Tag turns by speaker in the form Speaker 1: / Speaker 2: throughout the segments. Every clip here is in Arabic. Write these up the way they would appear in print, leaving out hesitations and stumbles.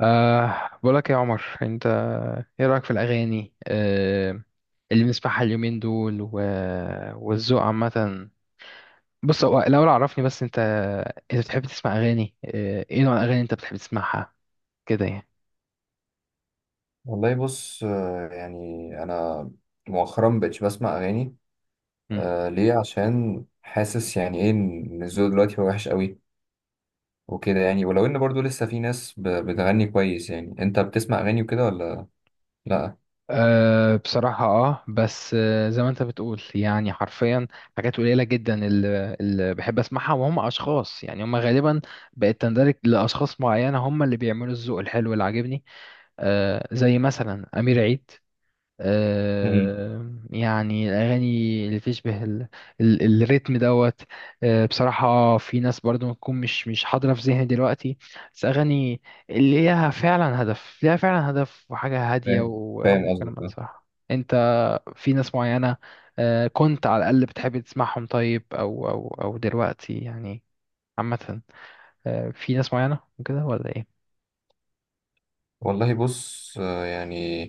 Speaker 1: بقولك يا عمر، انت ايه رأيك في الأغاني اللي بنسمعها اليومين دول والذوق عامة؟ بص، هو الأول عرفني، بس انت بتحب تسمع أغاني؟ ايه نوع الأغاني اللي انت بتحب تسمعها كده يعني؟
Speaker 2: والله بص يعني انا مؤخرا مبقتش بسمع اغاني.
Speaker 1: مم.
Speaker 2: ليه؟ عشان حاسس يعني ايه ان الذوق دلوقتي هو وحش قوي وكده يعني، ولو ان برضو لسه في ناس بتغني كويس. يعني انت بتسمع اغاني وكده ولا لا؟
Speaker 1: بصراحة بس، زي ما انت بتقول يعني حرفيا، حاجات قليلة جدا اللي بحب اسمعها، وهم اشخاص يعني، هم غالبا بقت تندرج لأشخاص معينة، هم اللي بيعملوا الذوق الحلو اللي عاجبني. زي مثلا أمير عيد.
Speaker 2: امم،
Speaker 1: يعني الأغاني اللي تشبه الريتم دوت. بصراحة في ناس برضو ممكن مش حاضرة في ذهني دلوقتي، بس أغاني اللي ليها فعلا هدف، ليها فعلا هدف، وحاجة هادية
Speaker 2: فاهم فاهم قصدك
Speaker 1: وكلمات
Speaker 2: آه.
Speaker 1: صح، أنت. في ناس معينة. كنت على الأقل بتحب تسمعهم؟ طيب، أو دلوقتي يعني عامة، في ناس معينة وكده، ولا إيه؟
Speaker 2: والله بص آه يعني،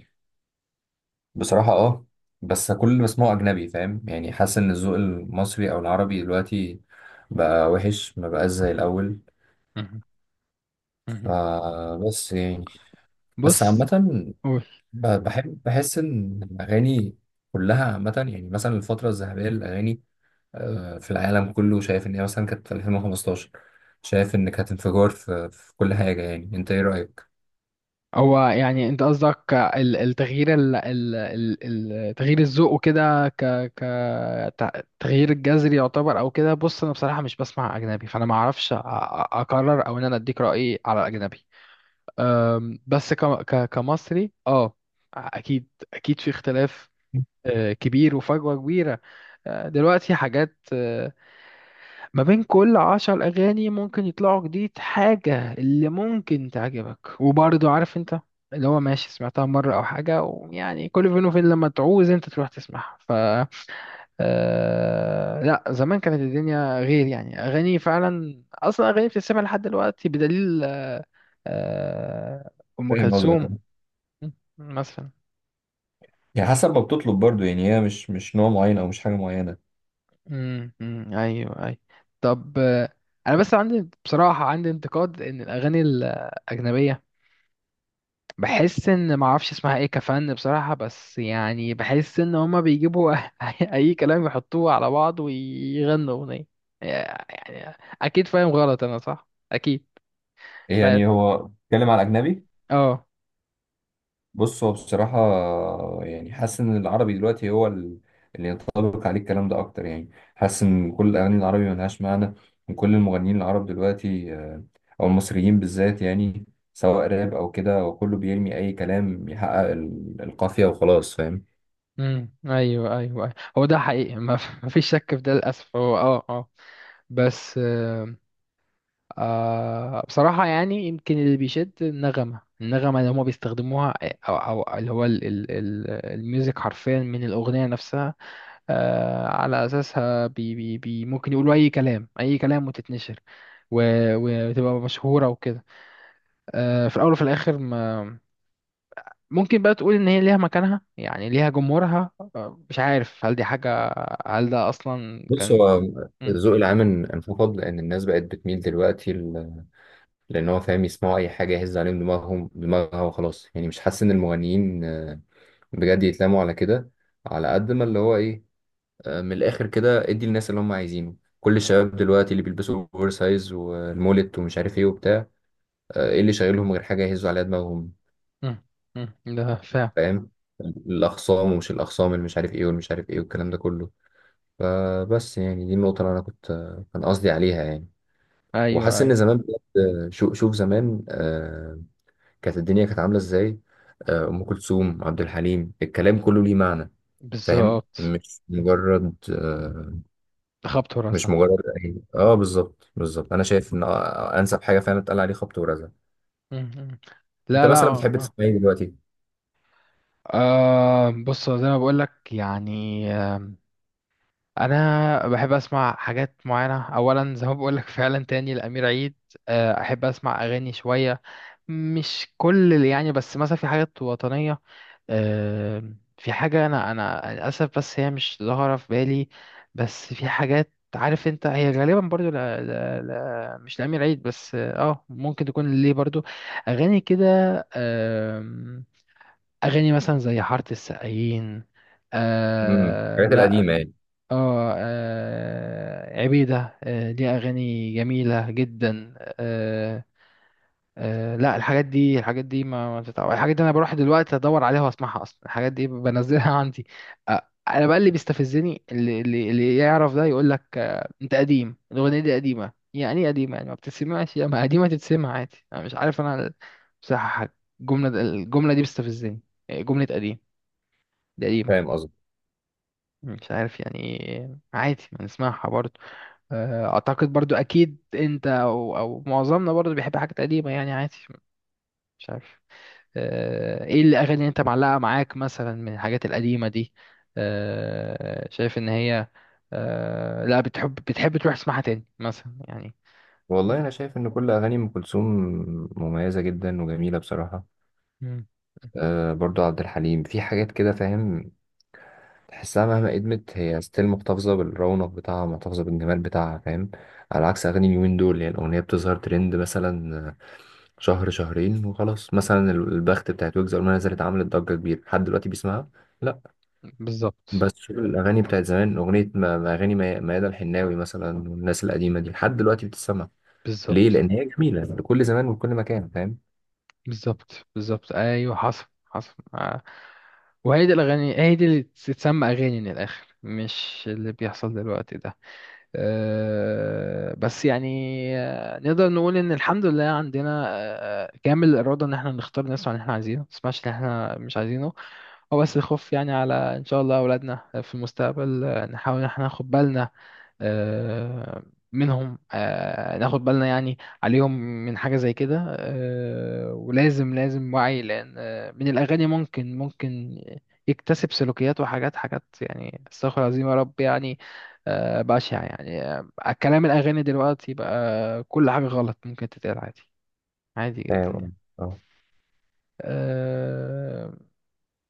Speaker 2: بصراحة اه، بس كل اللي بسمعه اجنبي. فاهم يعني؟ حاسس ان الذوق المصري او العربي دلوقتي بقى وحش، ما بقاش زي الاول.
Speaker 1: مهم. مهم.
Speaker 2: فبس يعني، بس
Speaker 1: بص،
Speaker 2: عامة
Speaker 1: قول.
Speaker 2: بحب، بحس ان الاغاني كلها عامه، يعني مثلا الفتره الذهبيه للاغاني في العالم كله، شايف ان هي مثلا كانت في 2015. شايف ان كانت انفجار في كل حاجه. يعني انت ايه رايك؟
Speaker 1: هو يعني انت قصدك ال- التغيير ال- ال- ال- ال- تغيير الذوق وكده، ك تغيير الجذري يعتبر او كده. بص انا بصراحه مش بسمع اجنبي، فانا ما اعرفش اقرر او ان انا اديك رايي على الاجنبي. بس ك ك كمصري، اكيد اكيد في اختلاف كبير، وفجوه كبيره. دلوقتي حاجات، ما بين كل 10 أغاني ممكن يطلعوا جديد حاجة اللي ممكن تعجبك. وبرضه عارف أنت، اللي هو ماشي سمعتها مرة أو حاجة، ويعني كل فين وفين لما تعوز أنت تروح تسمعها. لا، زمان كانت الدنيا غير يعني، أغاني فعلا، أصلا أغاني بتتسمع لحد دلوقتي، بدليل آه... أم
Speaker 2: فاهم قصدك
Speaker 1: كلثوم
Speaker 2: أه.
Speaker 1: مثلا.
Speaker 2: يعني حسب ما بتطلب برضو، يعني هي مش نوع معين او مش حاجه معينه.
Speaker 1: أمم، ايوه ايوه. طب، انا بس عندي بصراحه، عندي انتقاد ان الاغاني الاجنبيه، بحس ان معرفش اسمها ايه، كفن بصراحة، بس يعني بحس ان هما بيجيبوا اي كلام يحطوه على بعض ويغنوا اغنية يعني. اكيد فاهم غلط انا، صح؟ اكيد. مش
Speaker 2: يعني
Speaker 1: عارف.
Speaker 2: هو بتتكلم على اجنبي؟
Speaker 1: اه
Speaker 2: بص هو بصراحة، يعني حاسس إن العربي دلوقتي هو اللي ينطبق عليه الكلام ده أكتر. يعني حاسس إن كل الأغاني العربي ملهاش معنى، وكل المغنيين العرب دلوقتي أو المصريين بالذات، يعني سواء راب أو كده، وكله بيرمي أي كلام يحقق القافية وخلاص. فاهم؟
Speaker 1: امم، ايوه ايوه. أيوة. هو ده حقيقي، ما ما فيش شك في ده للاسف. هو بس، بصراحه يعني، يمكن اللي بيشد النغمه، النغمه اللي هما بيستخدموها، او اللي هو الميوزك حرفيا من الاغنيه نفسها. على اساسها بي بي بي ممكن يقولوا اي كلام، اي كلام، وتتنشر، وتبقى مشهوره وكده. في الاول وفي الاخر، ما ممكن بقى تقول ان هي ليها مكانها، يعني ليها جمهورها. مش عارف هل دي حاجه، هل ده اصلا
Speaker 2: بص
Speaker 1: كان.
Speaker 2: هو
Speaker 1: م-
Speaker 2: الذوق العام انفقد، لأن الناس بقت بتميل دلوقتي لأن هو فاهم يسمعوا أي حاجة يهز عليهم دماغها وخلاص. يعني مش حاسس إن المغنيين بجد يتلاموا على كده، على قد ما اللي هو ايه، من الاخر كده ادي الناس اللي هم عايزينه. كل الشباب دلوقتي اللي بيلبسوا اوفر سايز والمولت ومش عارف ايه وبتاع، ايه اللي شايلهم غير حاجه يهزوا عليها دماغهم؟
Speaker 1: م- ده فعلا.
Speaker 2: فاهم؟ الاخصام ومش الاخصام، اللي مش عارف ايه واللي مش عارف ايه، والكلام ده كله. فبس يعني دي النقطه اللي انا كنت كان قصدي عليها يعني.
Speaker 1: ايوه
Speaker 2: وحاسس
Speaker 1: ايوه،
Speaker 2: ان زمان بجد، آه، شوف زمان كانت الدنيا كانت عامله ازاي. آه، ام كلثوم، عبد الحليم، الكلام كله ليه معنى. فاهم؟
Speaker 1: بالظبط.
Speaker 2: مش مجرد
Speaker 1: تخبط ورا
Speaker 2: مش
Speaker 1: ساق.
Speaker 2: مجرد، اي اه بالظبط بالظبط. انا شايف ان انسب حاجه فعلا اتقال عليه خبط ورزع.
Speaker 1: م- م.
Speaker 2: انت
Speaker 1: لا لا،
Speaker 2: مثلا بتحب تسمع ايه دلوقتي؟
Speaker 1: بص، زي ما بقول لك يعني. انا بحب اسمع حاجات معينه، اولا زي ما بقول لك فعلا، تاني الامير عيد. احب اسمع اغاني شويه، مش كل اللي يعني، بس مثلا في حاجات وطنيه. آه، في حاجه انا للاسف بس هي مش ظاهره في بالي. بس في حاجات، عارف انت، هي غالبا برضو، لا لا لا، مش الامير عيد بس، ممكن تكون ليه برضو اغاني كده. آم، اغاني مثلا زي حاره السقايين.
Speaker 2: امم، الحاجات
Speaker 1: لا.
Speaker 2: القديمه يعني.
Speaker 1: اه عبيدة، ليها أغاني جميلة جدا. آه، لا، الحاجات دي، الحاجات دي ما بتتعب. الحاجات دي أنا بروح دلوقتي أدور عليها وأسمعها. أصلا الحاجات دي بنزلها عندي. أنا بقى اللي بيستفزني، اللي يعرف ده يقول لك، أنت قديم، الأغنية دي قديمة. يعني إيه قديمة؟ يعني ما بتتسمعش؟ يا ما قديمة تتسمع عادي. أنا مش عارف أنا بصراحة حاجة. الجملة دي بتستفزني، جملة قديم، دي قديمة.
Speaker 2: فاهم قصدي؟
Speaker 1: مش عارف يعني إيه. عادي، ما نسمعها برضه. اعتقد برضو اكيد انت او معظمنا برضو بيحب حاجات قديمه، يعني عادي. مش عارف. ايه الاغاني اللي انت معلقه معاك مثلا من الحاجات القديمه دي؟ شايف ان هي، لا، بتحب تروح تسمعها تاني مثلا يعني؟
Speaker 2: والله انا شايف ان كل اغاني ام كلثوم مميزه جدا وجميله بصراحه.
Speaker 1: مم.
Speaker 2: آه برضو عبد الحليم، في حاجات كده فاهم، تحسها مهما قدمت هي ستيل محتفظه بالرونق بتاعها، محتفظه بالجمال بتاعها. فاهم؟ على عكس اغاني اليومين دول، يعني الاغنيه بتظهر ترند مثلا شهر شهرين وخلاص. مثلا البخت بتاعت ويجز اول ما نزلت عملت ضجه كبيره، لحد دلوقتي بيسمعها. لا،
Speaker 1: بالظبط
Speaker 2: بس شوف الأغاني بتاعت زمان، أغنية ما ما أغاني ميادة الحناوي مثلا، والناس القديمة دي لحد دلوقتي بتتسمع. ليه؟
Speaker 1: بالظبط
Speaker 2: لأن هي جميلة لكل زمان ولكل مكان. فاهم؟
Speaker 1: بالظبط بالظبط، ايوه، حصل حصل، آه. وهي دي الاغاني، هي دي اللي تتسمى اغاني من الاخر، مش اللي بيحصل دلوقتي ده. بس يعني، نقدر نقول ان الحمد لله عندنا كامل الاراده ان احنا نختار الناس اللي احنا عايزينه، ما نسمعش اللي احنا مش عايزينه. هو بس الخوف يعني على ان شاء الله اولادنا في المستقبل، نحاول ان احنا ناخد بالنا آه، منهم، ناخد بالنا يعني عليهم من حاجة زي كده. ولازم لازم وعي، لأن من الأغاني ممكن، يكتسب سلوكيات وحاجات حاجات يعني، استغفر الله العظيم يا رب، يعني بشعة يعني. كلام الأغاني دلوقتي بقى كل حاجة غلط ممكن تتقال عادي، عادي جدا يعني.
Speaker 2: فاهم اه آه.
Speaker 1: آه،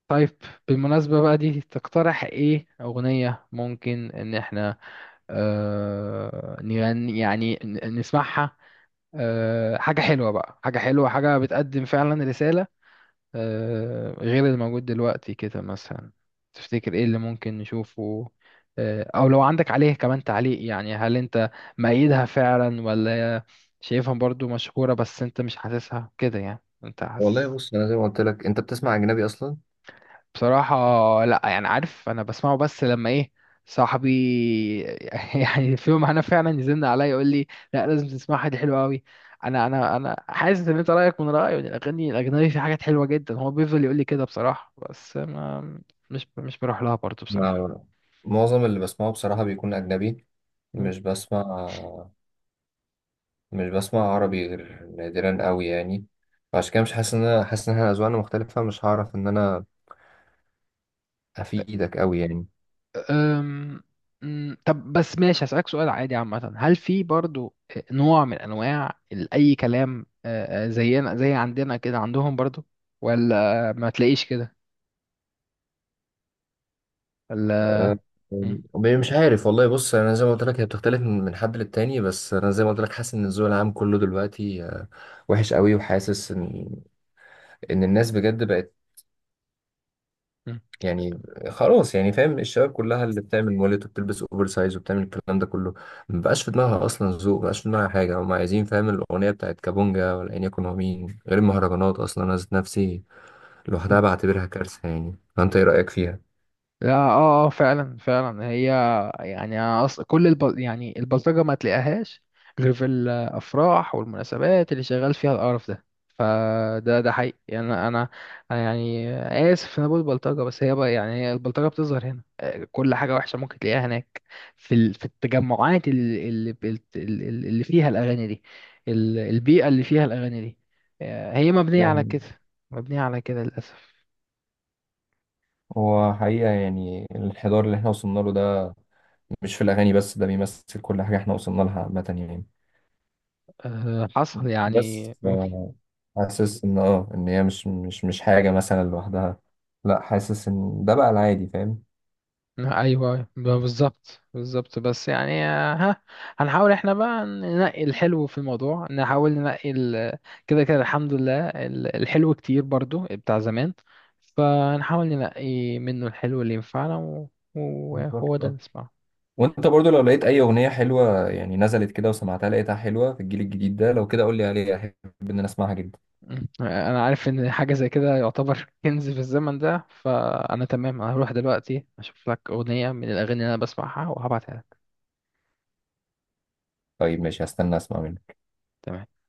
Speaker 1: طيب، بالمناسبة بقى، دي تقترح ايه أغنية ممكن إن احنا نغني يعني، نسمعها؟ حاجة حلوة بقى، حاجة حلوة، حاجة بتقدم فعلا رسالة، غير اللي موجود دلوقتي كده مثلا؟ تفتكر ايه اللي ممكن نشوفه؟ او لو عندك عليه كمان تعليق يعني، هل انت مأيدها فعلا، ولا شايفها برضو مشهورة بس انت مش حاسسها كده؟ يعني انت
Speaker 2: والله
Speaker 1: حاسس.
Speaker 2: بص، أنا زي ما قلت لك، أنت بتسمع أجنبي أصلا؟
Speaker 1: بصراحة لا، يعني عارف انا بسمعه، بس لما ايه، صاحبي يعني، في يوم انا فعلا يزن عليا، يقول لي لا لازم تسمعها دي حلوة قوي. انا حاسس ان انت رايك من رايي، وإن الاغاني الاجنبي في حاجات حلوة جدا. هو بيفضل يقول لي كده بصراحة، بس ما مش بروح لها برضه بصراحة.
Speaker 2: لا، معظم اللي بسمعه بصراحة بيكون أجنبي.
Speaker 1: مم.
Speaker 2: مش بسمع، مش بسمع عربي غير نادرا قوي يعني. فعشان كده مش حاسس إن أنا، حاسس إن إحنا أذواقنا مختلفة، مش هعرف إن أنا أفيدك قوي يعني.
Speaker 1: أم... طب، بس ماشي هسألك سؤال عادي عامة، هل في برضو نوع من أنواع أي كلام، زينا، زي عندنا كده عندهم برضو؟ ولا ما تلاقيش كده؟
Speaker 2: آه،
Speaker 1: مم.
Speaker 2: آه، مش عارف والله. بص انا زي ما قلت لك، هي بتختلف من من حد للتاني، بس انا زي ما قلت لك حاسس ان الذوق العام كله دلوقتي وحش قوي. وحاسس ان ان الناس بجد بقت،
Speaker 1: مم.
Speaker 2: يعني خلاص يعني فاهم، الشباب كلها اللي بتعمل مولد وبتلبس اوفر سايز وبتعمل الكلام ده كله، ما بقاش في دماغها اصلا ذوق، ما بقاش في دماغها حاجه هم عايزين. فاهم؟ الاغنيه بتاعت كابونجا، ولا ان يكون هو مين غير، المهرجانات اصلا انا ذات نفسي لوحدها بعتبرها كارثه يعني. فانت ايه رايك فيها؟
Speaker 1: لا، فعلا فعلا، هي يعني. أنا يعني البلطجة ما تلاقيهاش غير في الأفراح والمناسبات اللي شغال فيها القرف ده. فده حقيقي يعني. أنا يعني، آسف إن أنا بقول بلطجة، بس هي بقى يعني، هي البلطجة بتظهر هنا، كل حاجة وحشة ممكن تلاقيها هناك في التجمعات اللي اللي بت- اللي اللي فيها الأغاني دي، البيئة اللي فيها الأغاني دي، هي مبنية على
Speaker 2: فاهم،
Speaker 1: كده، مبنية على كده للأسف.
Speaker 2: هو حقيقة يعني الانحدار اللي احنا وصلنا له ده مش في الاغاني بس، ده بيمثل كل حاجه احنا وصلنا لها عامه يعني.
Speaker 1: حصل
Speaker 2: بس
Speaker 1: يعني.
Speaker 2: حاسس ان اه ان هي مش حاجه مثلا لوحدها، لا حاسس ان ده بقى العادي. فاهم؟
Speaker 1: ايوه، بالظبط بالظبط، بس يعني آه، ها هنحاول احنا بقى ننقي الحلو في الموضوع، نحاول ننقي كده كده الحمد لله الحلو كتير برضو بتاع زمان. فنحاول ننقي منه الحلو اللي ينفعنا وهو
Speaker 2: بالظبط
Speaker 1: ده
Speaker 2: اه.
Speaker 1: نسمعه.
Speaker 2: وانت برضو لو لقيت اي اغنيه حلوه، يعني نزلت كده وسمعتها لقيتها حلوه في الجيل الجديد ده، لو كده قول لي عليها، احب ان انا اسمعها جدا.
Speaker 1: مم. انا عارف ان حاجة زي كده يعتبر كنز في الزمن ده، فانا تمام، أنا هروح دلوقتي اشوف لك اغنية من الاغاني اللي انا بسمعها وهبعتها لك.
Speaker 2: طيب ماشي، هستنى اسمع منك.
Speaker 1: تمام.